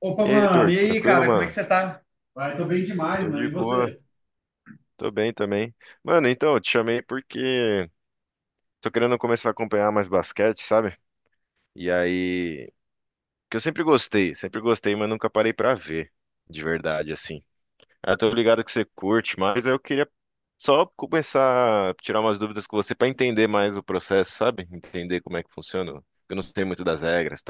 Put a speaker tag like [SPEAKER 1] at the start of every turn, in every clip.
[SPEAKER 1] Opa,
[SPEAKER 2] E aí,
[SPEAKER 1] mano,
[SPEAKER 2] Heitor,
[SPEAKER 1] e aí,
[SPEAKER 2] tranquilo,
[SPEAKER 1] cara, como é que
[SPEAKER 2] mano?
[SPEAKER 1] você tá? Vai, tô bem demais,
[SPEAKER 2] Tô
[SPEAKER 1] mano.
[SPEAKER 2] de
[SPEAKER 1] E
[SPEAKER 2] boa,
[SPEAKER 1] você?
[SPEAKER 2] tô bem também. Mano, então, eu te chamei porque tô querendo começar a acompanhar mais basquete, sabe? E aí, que eu sempre gostei, mas nunca parei pra ver, de verdade, assim. Ah, tô ligado que você curte, mas eu queria só começar a tirar umas dúvidas com você pra entender mais o processo, sabe? Entender como é que funciona. Eu não sei muito das regras e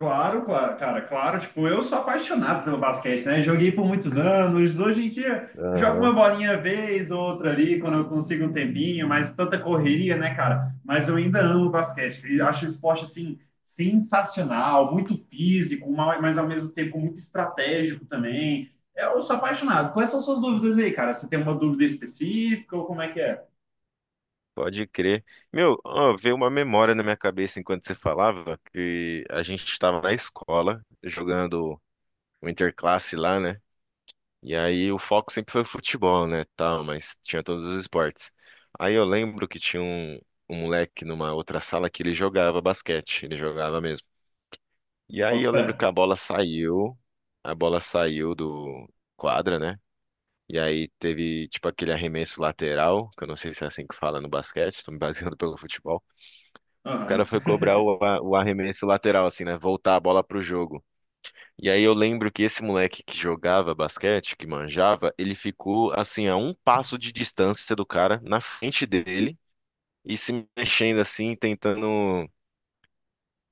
[SPEAKER 1] Claro, claro, cara, claro, tipo, eu sou apaixonado pelo basquete, né? Joguei por muitos anos, hoje em dia jogo uma
[SPEAKER 2] tal.
[SPEAKER 1] bolinha vez ou outra ali, quando eu consigo um tempinho, mas tanta correria, né, cara? Mas eu ainda amo basquete, e acho o esporte, assim, sensacional, muito físico, mas ao mesmo tempo muito estratégico também. Eu sou apaixonado. Quais são suas dúvidas aí, cara? Você tem uma dúvida específica ou como é que é?
[SPEAKER 2] Pode crer. Meu, ó, veio uma memória na minha cabeça enquanto você falava que a gente estava na escola jogando o interclasse lá, né? E aí o foco sempre foi futebol, né? Tal, mas tinha todos os esportes. Aí eu lembro que tinha um moleque numa outra sala que ele jogava basquete, ele jogava mesmo. E aí
[SPEAKER 1] Bota
[SPEAKER 2] eu
[SPEAKER 1] fé.
[SPEAKER 2] lembro que a bola saiu do quadra, né? E aí teve tipo aquele arremesso lateral, que eu não sei se é assim que fala no basquete, tô me baseando pelo futebol. O cara foi cobrar o arremesso lateral, assim, né? Voltar a bola pro jogo. E aí eu lembro que esse moleque que jogava basquete, que manjava, ele ficou, assim, a um passo de distância do cara, na frente dele, e se mexendo, assim, tentando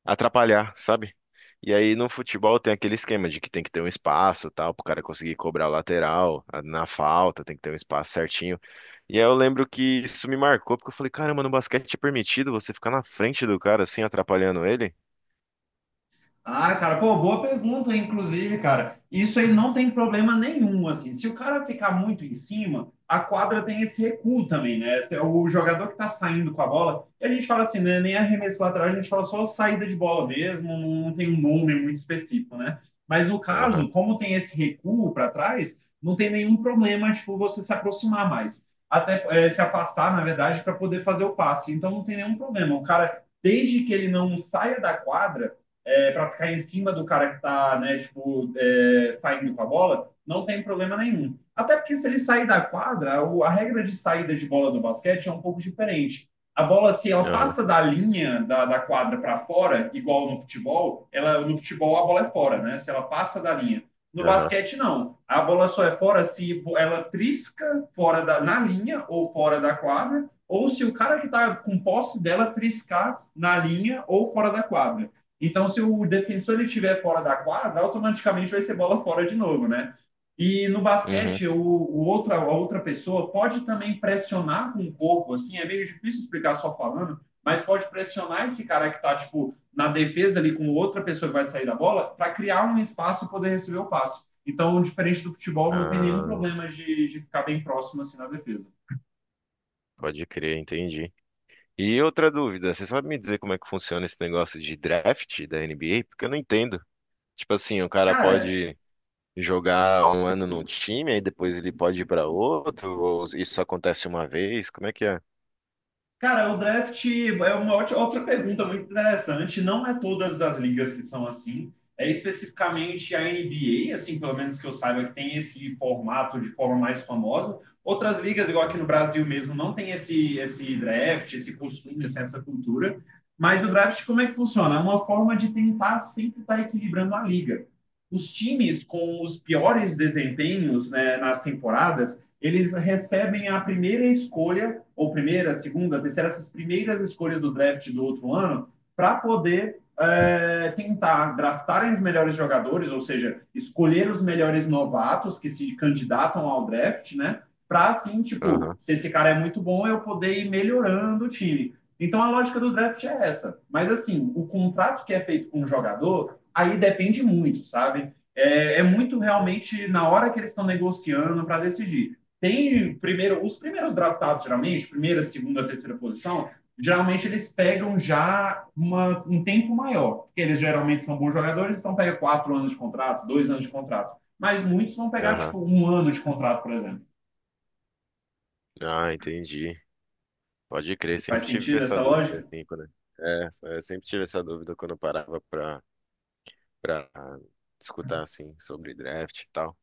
[SPEAKER 2] atrapalhar, sabe? E aí no futebol tem aquele esquema de que tem que ter um espaço, tal, pro cara conseguir cobrar a lateral, na falta, tem que ter um espaço certinho. E aí eu lembro que isso me marcou, porque eu falei, caramba, no basquete é permitido você ficar na frente do cara, assim, atrapalhando ele?
[SPEAKER 1] Ah, cara, pô, boa pergunta, inclusive, cara. Isso aí não tem problema nenhum, assim. Se o cara ficar muito em cima, a quadra tem esse recuo também, né? Esse é o jogador que tá saindo com a bola, e a gente fala assim, né? Nem arremesso lateral, a gente fala só saída de bola mesmo, não tem um nome muito específico, né? Mas no
[SPEAKER 2] Aham,
[SPEAKER 1] caso, como tem esse recuo para trás, não tem nenhum problema, tipo, você se aproximar mais. Até se afastar, na verdade, para poder fazer o passe. Então não tem nenhum problema. O cara, desde que ele não saia da quadra é, para ficar em cima do cara que está, né, tipo, é, saindo com a bola, não tem problema nenhum. Até porque se ele sair da quadra, a regra de saída de bola do basquete é um pouco diferente. A bola, se ela
[SPEAKER 2] aham,
[SPEAKER 1] passa da linha da quadra para fora, igual no futebol, ela, no futebol a bola é fora, né? Se ela passa da linha. No
[SPEAKER 2] aham.
[SPEAKER 1] basquete, não. A bola só é fora se ela trisca fora da, na linha ou fora da quadra, ou se o cara que está com posse dela triscar na linha ou fora da quadra. Então, se o defensor ele estiver fora da quadra, automaticamente vai ser bola fora de novo, né? E no
[SPEAKER 2] Uhum.
[SPEAKER 1] basquete, a outra pessoa pode também pressionar com o corpo, assim, é meio difícil explicar só falando, mas pode pressionar esse cara que está, tipo, na defesa ali com outra pessoa que vai sair da bola, para criar um espaço e poder receber o passe. Então, diferente do futebol, não tem nenhum
[SPEAKER 2] Ah,
[SPEAKER 1] problema de ficar bem próximo, assim, na defesa.
[SPEAKER 2] pode crer, entendi. E outra dúvida, você sabe me dizer como é que funciona esse negócio de draft da NBA? Porque eu não entendo. Tipo assim, o cara
[SPEAKER 1] Cara,
[SPEAKER 2] pode jogar um ano num time, aí depois ele pode ir pra outro, ou isso só acontece uma vez? Como é que é?
[SPEAKER 1] Cara, o draft é uma outra pergunta muito interessante. Não é todas as ligas que são assim. É especificamente a NBA, assim, pelo menos que eu saiba, que tem esse formato de forma mais famosa. Outras ligas, igual aqui no
[SPEAKER 2] Uhum.
[SPEAKER 1] Brasil mesmo, não tem esse draft, esse costume, assim, essa cultura. Mas o draft, como é que funciona? É uma forma de tentar sempre estar equilibrando a liga. Os times com os piores desempenhos, né, nas temporadas, eles recebem a primeira escolha ou primeira, segunda, terceira, essas primeiras escolhas do draft do outro ano, para poder é, tentar draftar os melhores jogadores, ou seja, escolher os melhores novatos que se candidatam ao draft, né? Para assim, tipo,
[SPEAKER 2] Aham,
[SPEAKER 1] se esse cara é muito bom, eu poder ir melhorando o time. Então a lógica do draft é essa. Mas assim, o contrato que é feito com o jogador, aí depende muito, sabe? É muito
[SPEAKER 2] sei.
[SPEAKER 1] realmente na hora que eles estão negociando para decidir, tem primeiro, os primeiros draftados, geralmente, primeira, segunda, terceira posição, geralmente eles pegam já um tempo maior, porque eles geralmente são bons jogadores, então pega quatro anos de contrato, dois anos de contrato. Mas muitos vão pegar,
[SPEAKER 2] Aham.
[SPEAKER 1] tipo, um ano de contrato, por exemplo.
[SPEAKER 2] Ah, entendi. Pode crer,
[SPEAKER 1] Faz
[SPEAKER 2] sempre tive
[SPEAKER 1] sentido
[SPEAKER 2] essa
[SPEAKER 1] essa
[SPEAKER 2] dúvida,
[SPEAKER 1] lógica?
[SPEAKER 2] assim, quando... É, eu sempre tive essa dúvida quando eu parava pra escutar, assim, sobre draft e tal.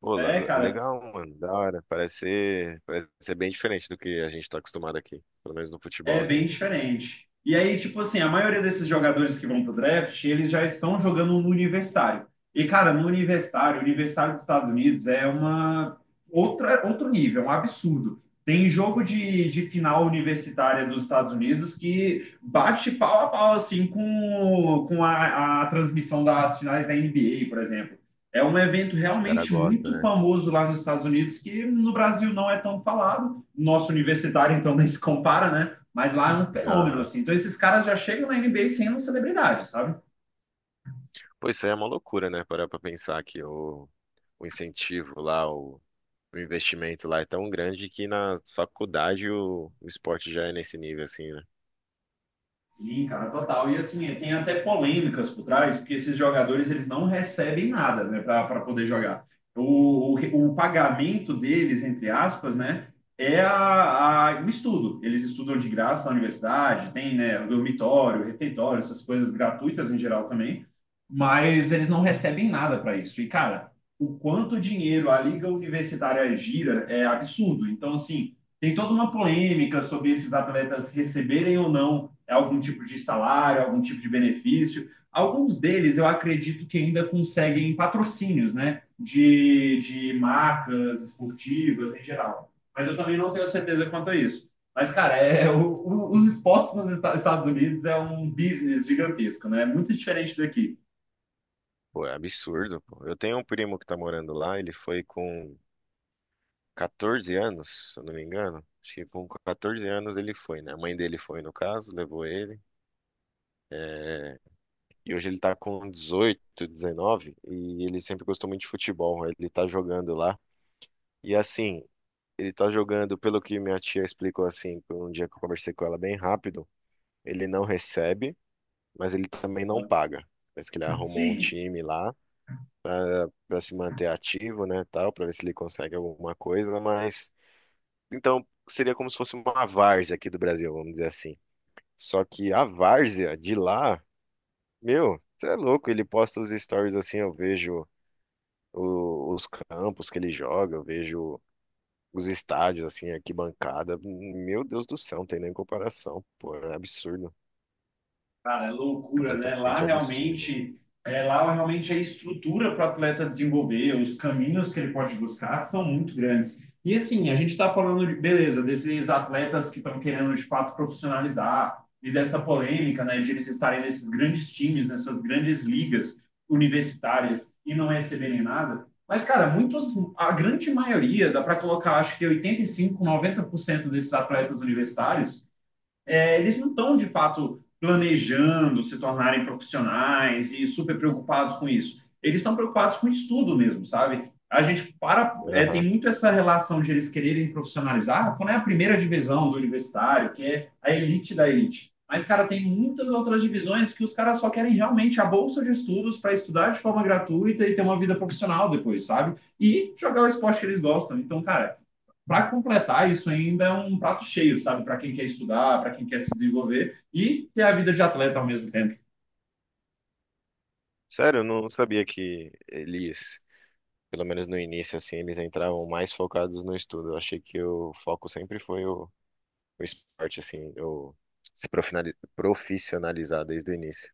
[SPEAKER 2] Pô,
[SPEAKER 1] É, cara,
[SPEAKER 2] legal, mano, da hora. Parece ser bem diferente do que a gente tá acostumado aqui, pelo menos no futebol,
[SPEAKER 1] é
[SPEAKER 2] assim.
[SPEAKER 1] bem diferente. E aí, tipo assim, a maioria desses jogadores que vão pro draft, eles já estão jogando no universitário. E, cara, no universitário, o universitário dos Estados Unidos é uma outro nível, é um absurdo. Tem jogo de final universitária dos Estados Unidos que bate pau a pau, assim, com a transmissão das finais da NBA, por exemplo. É um evento
[SPEAKER 2] Os caras
[SPEAKER 1] realmente
[SPEAKER 2] gostam,
[SPEAKER 1] muito
[SPEAKER 2] né?
[SPEAKER 1] famoso lá nos Estados Unidos, que no Brasil não é tão falado. Nosso universitário, então, nem se compara, né? Mas lá é um fenômeno,
[SPEAKER 2] Aham.
[SPEAKER 1] assim. Então, esses caras já chegam na NBA sendo celebridade, sabe?
[SPEAKER 2] Pô, isso aí é uma loucura, né? Parar pra pensar que o incentivo lá, o investimento lá é tão grande que na faculdade o esporte já é nesse nível, assim, né?
[SPEAKER 1] Sim, cara, total. E assim, tem até polêmicas por trás, porque esses jogadores eles não recebem nada, né, para poder jogar. Pagamento deles, entre aspas, né, é o estudo. Eles estudam de graça na universidade, tem, né, dormitório, refeitório, essas coisas gratuitas em geral também, mas eles não recebem nada para
[SPEAKER 2] Uhum.
[SPEAKER 1] isso. E, cara, o quanto dinheiro a liga universitária gira é absurdo. Então, assim, tem toda uma polêmica sobre esses atletas receberem ou não algum tipo de salário, algum tipo de benefício. Alguns deles eu acredito que ainda conseguem patrocínios, né? De marcas esportivas em geral. Mas eu também não tenho certeza quanto a isso. Mas, cara, é, os esportes nos Estados Unidos é um business gigantesco, né? É muito diferente daqui.
[SPEAKER 2] Pô, é absurdo, pô. Eu tenho um primo que tá morando lá, ele foi com 14 anos, se eu não me engano. Acho que com 14 anos ele foi, né? A mãe dele foi, no caso, levou ele. É, e hoje ele tá com 18, 19 e ele sempre gostou muito de futebol. Ele tá jogando lá. E assim, ele tá jogando, pelo que minha tia explicou assim, um dia que eu conversei com ela bem rápido, ele não recebe, mas ele também não paga. Parece que ele arrumou um
[SPEAKER 1] Sim,
[SPEAKER 2] time lá pra se manter ativo, né, tal, pra ver se ele consegue alguma coisa, mas então seria como se fosse uma várzea aqui do Brasil, vamos dizer assim. Só que a várzea de lá, meu, você é louco, ele posta os stories assim, eu vejo os campos que ele joga, eu vejo os estádios, assim, arquibancada. Meu Deus do céu, não tem nem comparação, pô, é absurdo,
[SPEAKER 1] cara, é loucura, né? Lá
[SPEAKER 2] completamente absurdo.
[SPEAKER 1] realmente, é, lá realmente a estrutura para o atleta desenvolver, os caminhos que ele pode buscar são muito grandes. E assim, a gente está falando de, beleza, desses atletas que estão querendo de fato profissionalizar e dessa polêmica, né, de eles estarem nesses grandes times, nessas grandes ligas universitárias e não receberem nada. Mas, cara, muitos, a grande maioria, dá para colocar, acho que 85, 90% desses atletas universitários é, eles não estão de fato planejando se tornarem profissionais e super preocupados com isso. Eles estão preocupados com o estudo mesmo, sabe? A gente para é, tem
[SPEAKER 2] Aham.
[SPEAKER 1] muito essa relação de eles quererem profissionalizar quando é a primeira divisão do universitário, que é a elite da elite. Mas, cara, tem muitas outras divisões que os caras só querem realmente a bolsa de estudos para estudar de forma gratuita e ter uma vida profissional depois, sabe? E jogar o esporte que eles gostam. Então, cara, para completar, isso ainda é um prato cheio, sabe? Para quem quer estudar, para quem quer se desenvolver e ter a vida de atleta ao mesmo tempo.
[SPEAKER 2] Sério, eu não sabia que eles, pelo menos no início, assim, eles entravam mais focados no estudo. Eu achei que o foco sempre foi o esporte, assim, o se profinali- profissionalizar desde o início.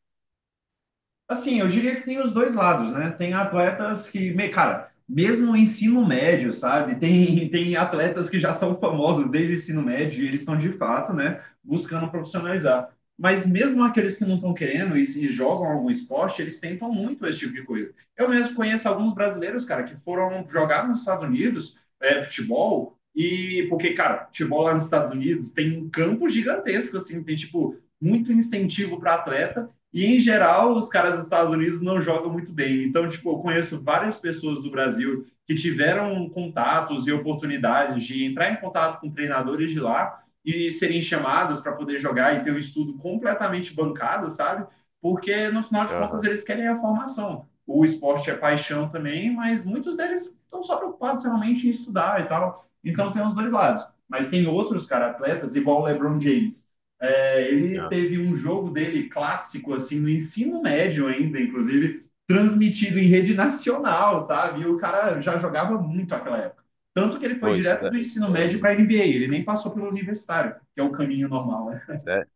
[SPEAKER 1] Assim, eu diria que tem os dois lados, né? Tem atletas que, cara, mesmo o ensino médio, sabe? Tem, tem atletas que já são famosos desde o ensino médio e eles estão de fato, né, buscando profissionalizar. Mas mesmo aqueles que não estão querendo se jogam algum esporte, eles tentam muito esse tipo de coisa. Eu mesmo conheço alguns brasileiros, cara, que foram jogar nos Estados Unidos, é, futebol, e porque, cara, futebol lá nos Estados Unidos tem um campo gigantesco, assim, tem, tipo, muito incentivo para atleta e, em geral, os caras dos Estados Unidos não jogam muito bem. Então, tipo, eu conheço várias pessoas do Brasil que tiveram contatos e oportunidades de entrar em contato com treinadores de lá e serem chamados para poder jogar e ter o um estudo completamente bancado, sabe? Porque, no final de contas,
[SPEAKER 2] Aham.
[SPEAKER 1] eles querem a formação. O esporte é paixão também, mas muitos deles estão só preocupados realmente em estudar e tal. Então, tem os dois lados. Mas tem outros, cara, atletas, igual o LeBron James é, ele
[SPEAKER 2] Ah,
[SPEAKER 1] teve um jogo dele clássico, assim, no ensino médio ainda, inclusive, transmitido em rede nacional, sabe? E o cara já jogava muito naquela época. Tanto que ele foi
[SPEAKER 2] pô, isso
[SPEAKER 1] direto
[SPEAKER 2] daí,
[SPEAKER 1] do
[SPEAKER 2] isso
[SPEAKER 1] ensino
[SPEAKER 2] daí é
[SPEAKER 1] médio para a
[SPEAKER 2] muito.
[SPEAKER 1] NBA, ele nem passou pelo universitário, que é o caminho normal, né?
[SPEAKER 2] Sério?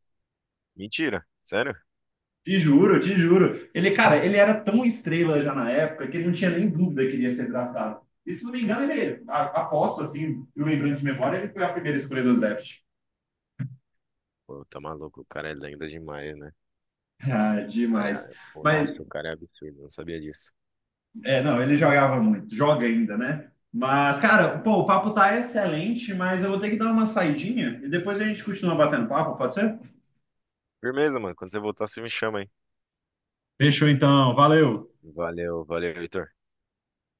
[SPEAKER 2] Mentira, sério?
[SPEAKER 1] Te juro, te juro. Ele, cara, ele era tão estrela já na época que ele não tinha nem dúvida que ele ia ser draftado. E se não me engano, ele, aposto assim, eu lembrando de memória, ele foi a primeira escolha do draft.
[SPEAKER 2] Pô, tá maluco, o cara é lenda demais, né?
[SPEAKER 1] Ah,
[SPEAKER 2] Cara,
[SPEAKER 1] demais.
[SPEAKER 2] pô,
[SPEAKER 1] Mas
[SPEAKER 2] nossa, o cara é absurdo, não sabia disso.
[SPEAKER 1] é, não, ele jogava muito, joga ainda, né? Mas, cara, pô, o papo tá excelente, mas eu vou ter que dar uma saidinha e depois a gente continua batendo papo, pode ser?
[SPEAKER 2] Firmeza, mano. Quando você voltar, você me chama, hein?
[SPEAKER 1] Fechou então, valeu.
[SPEAKER 2] Valeu, valeu, Heitor.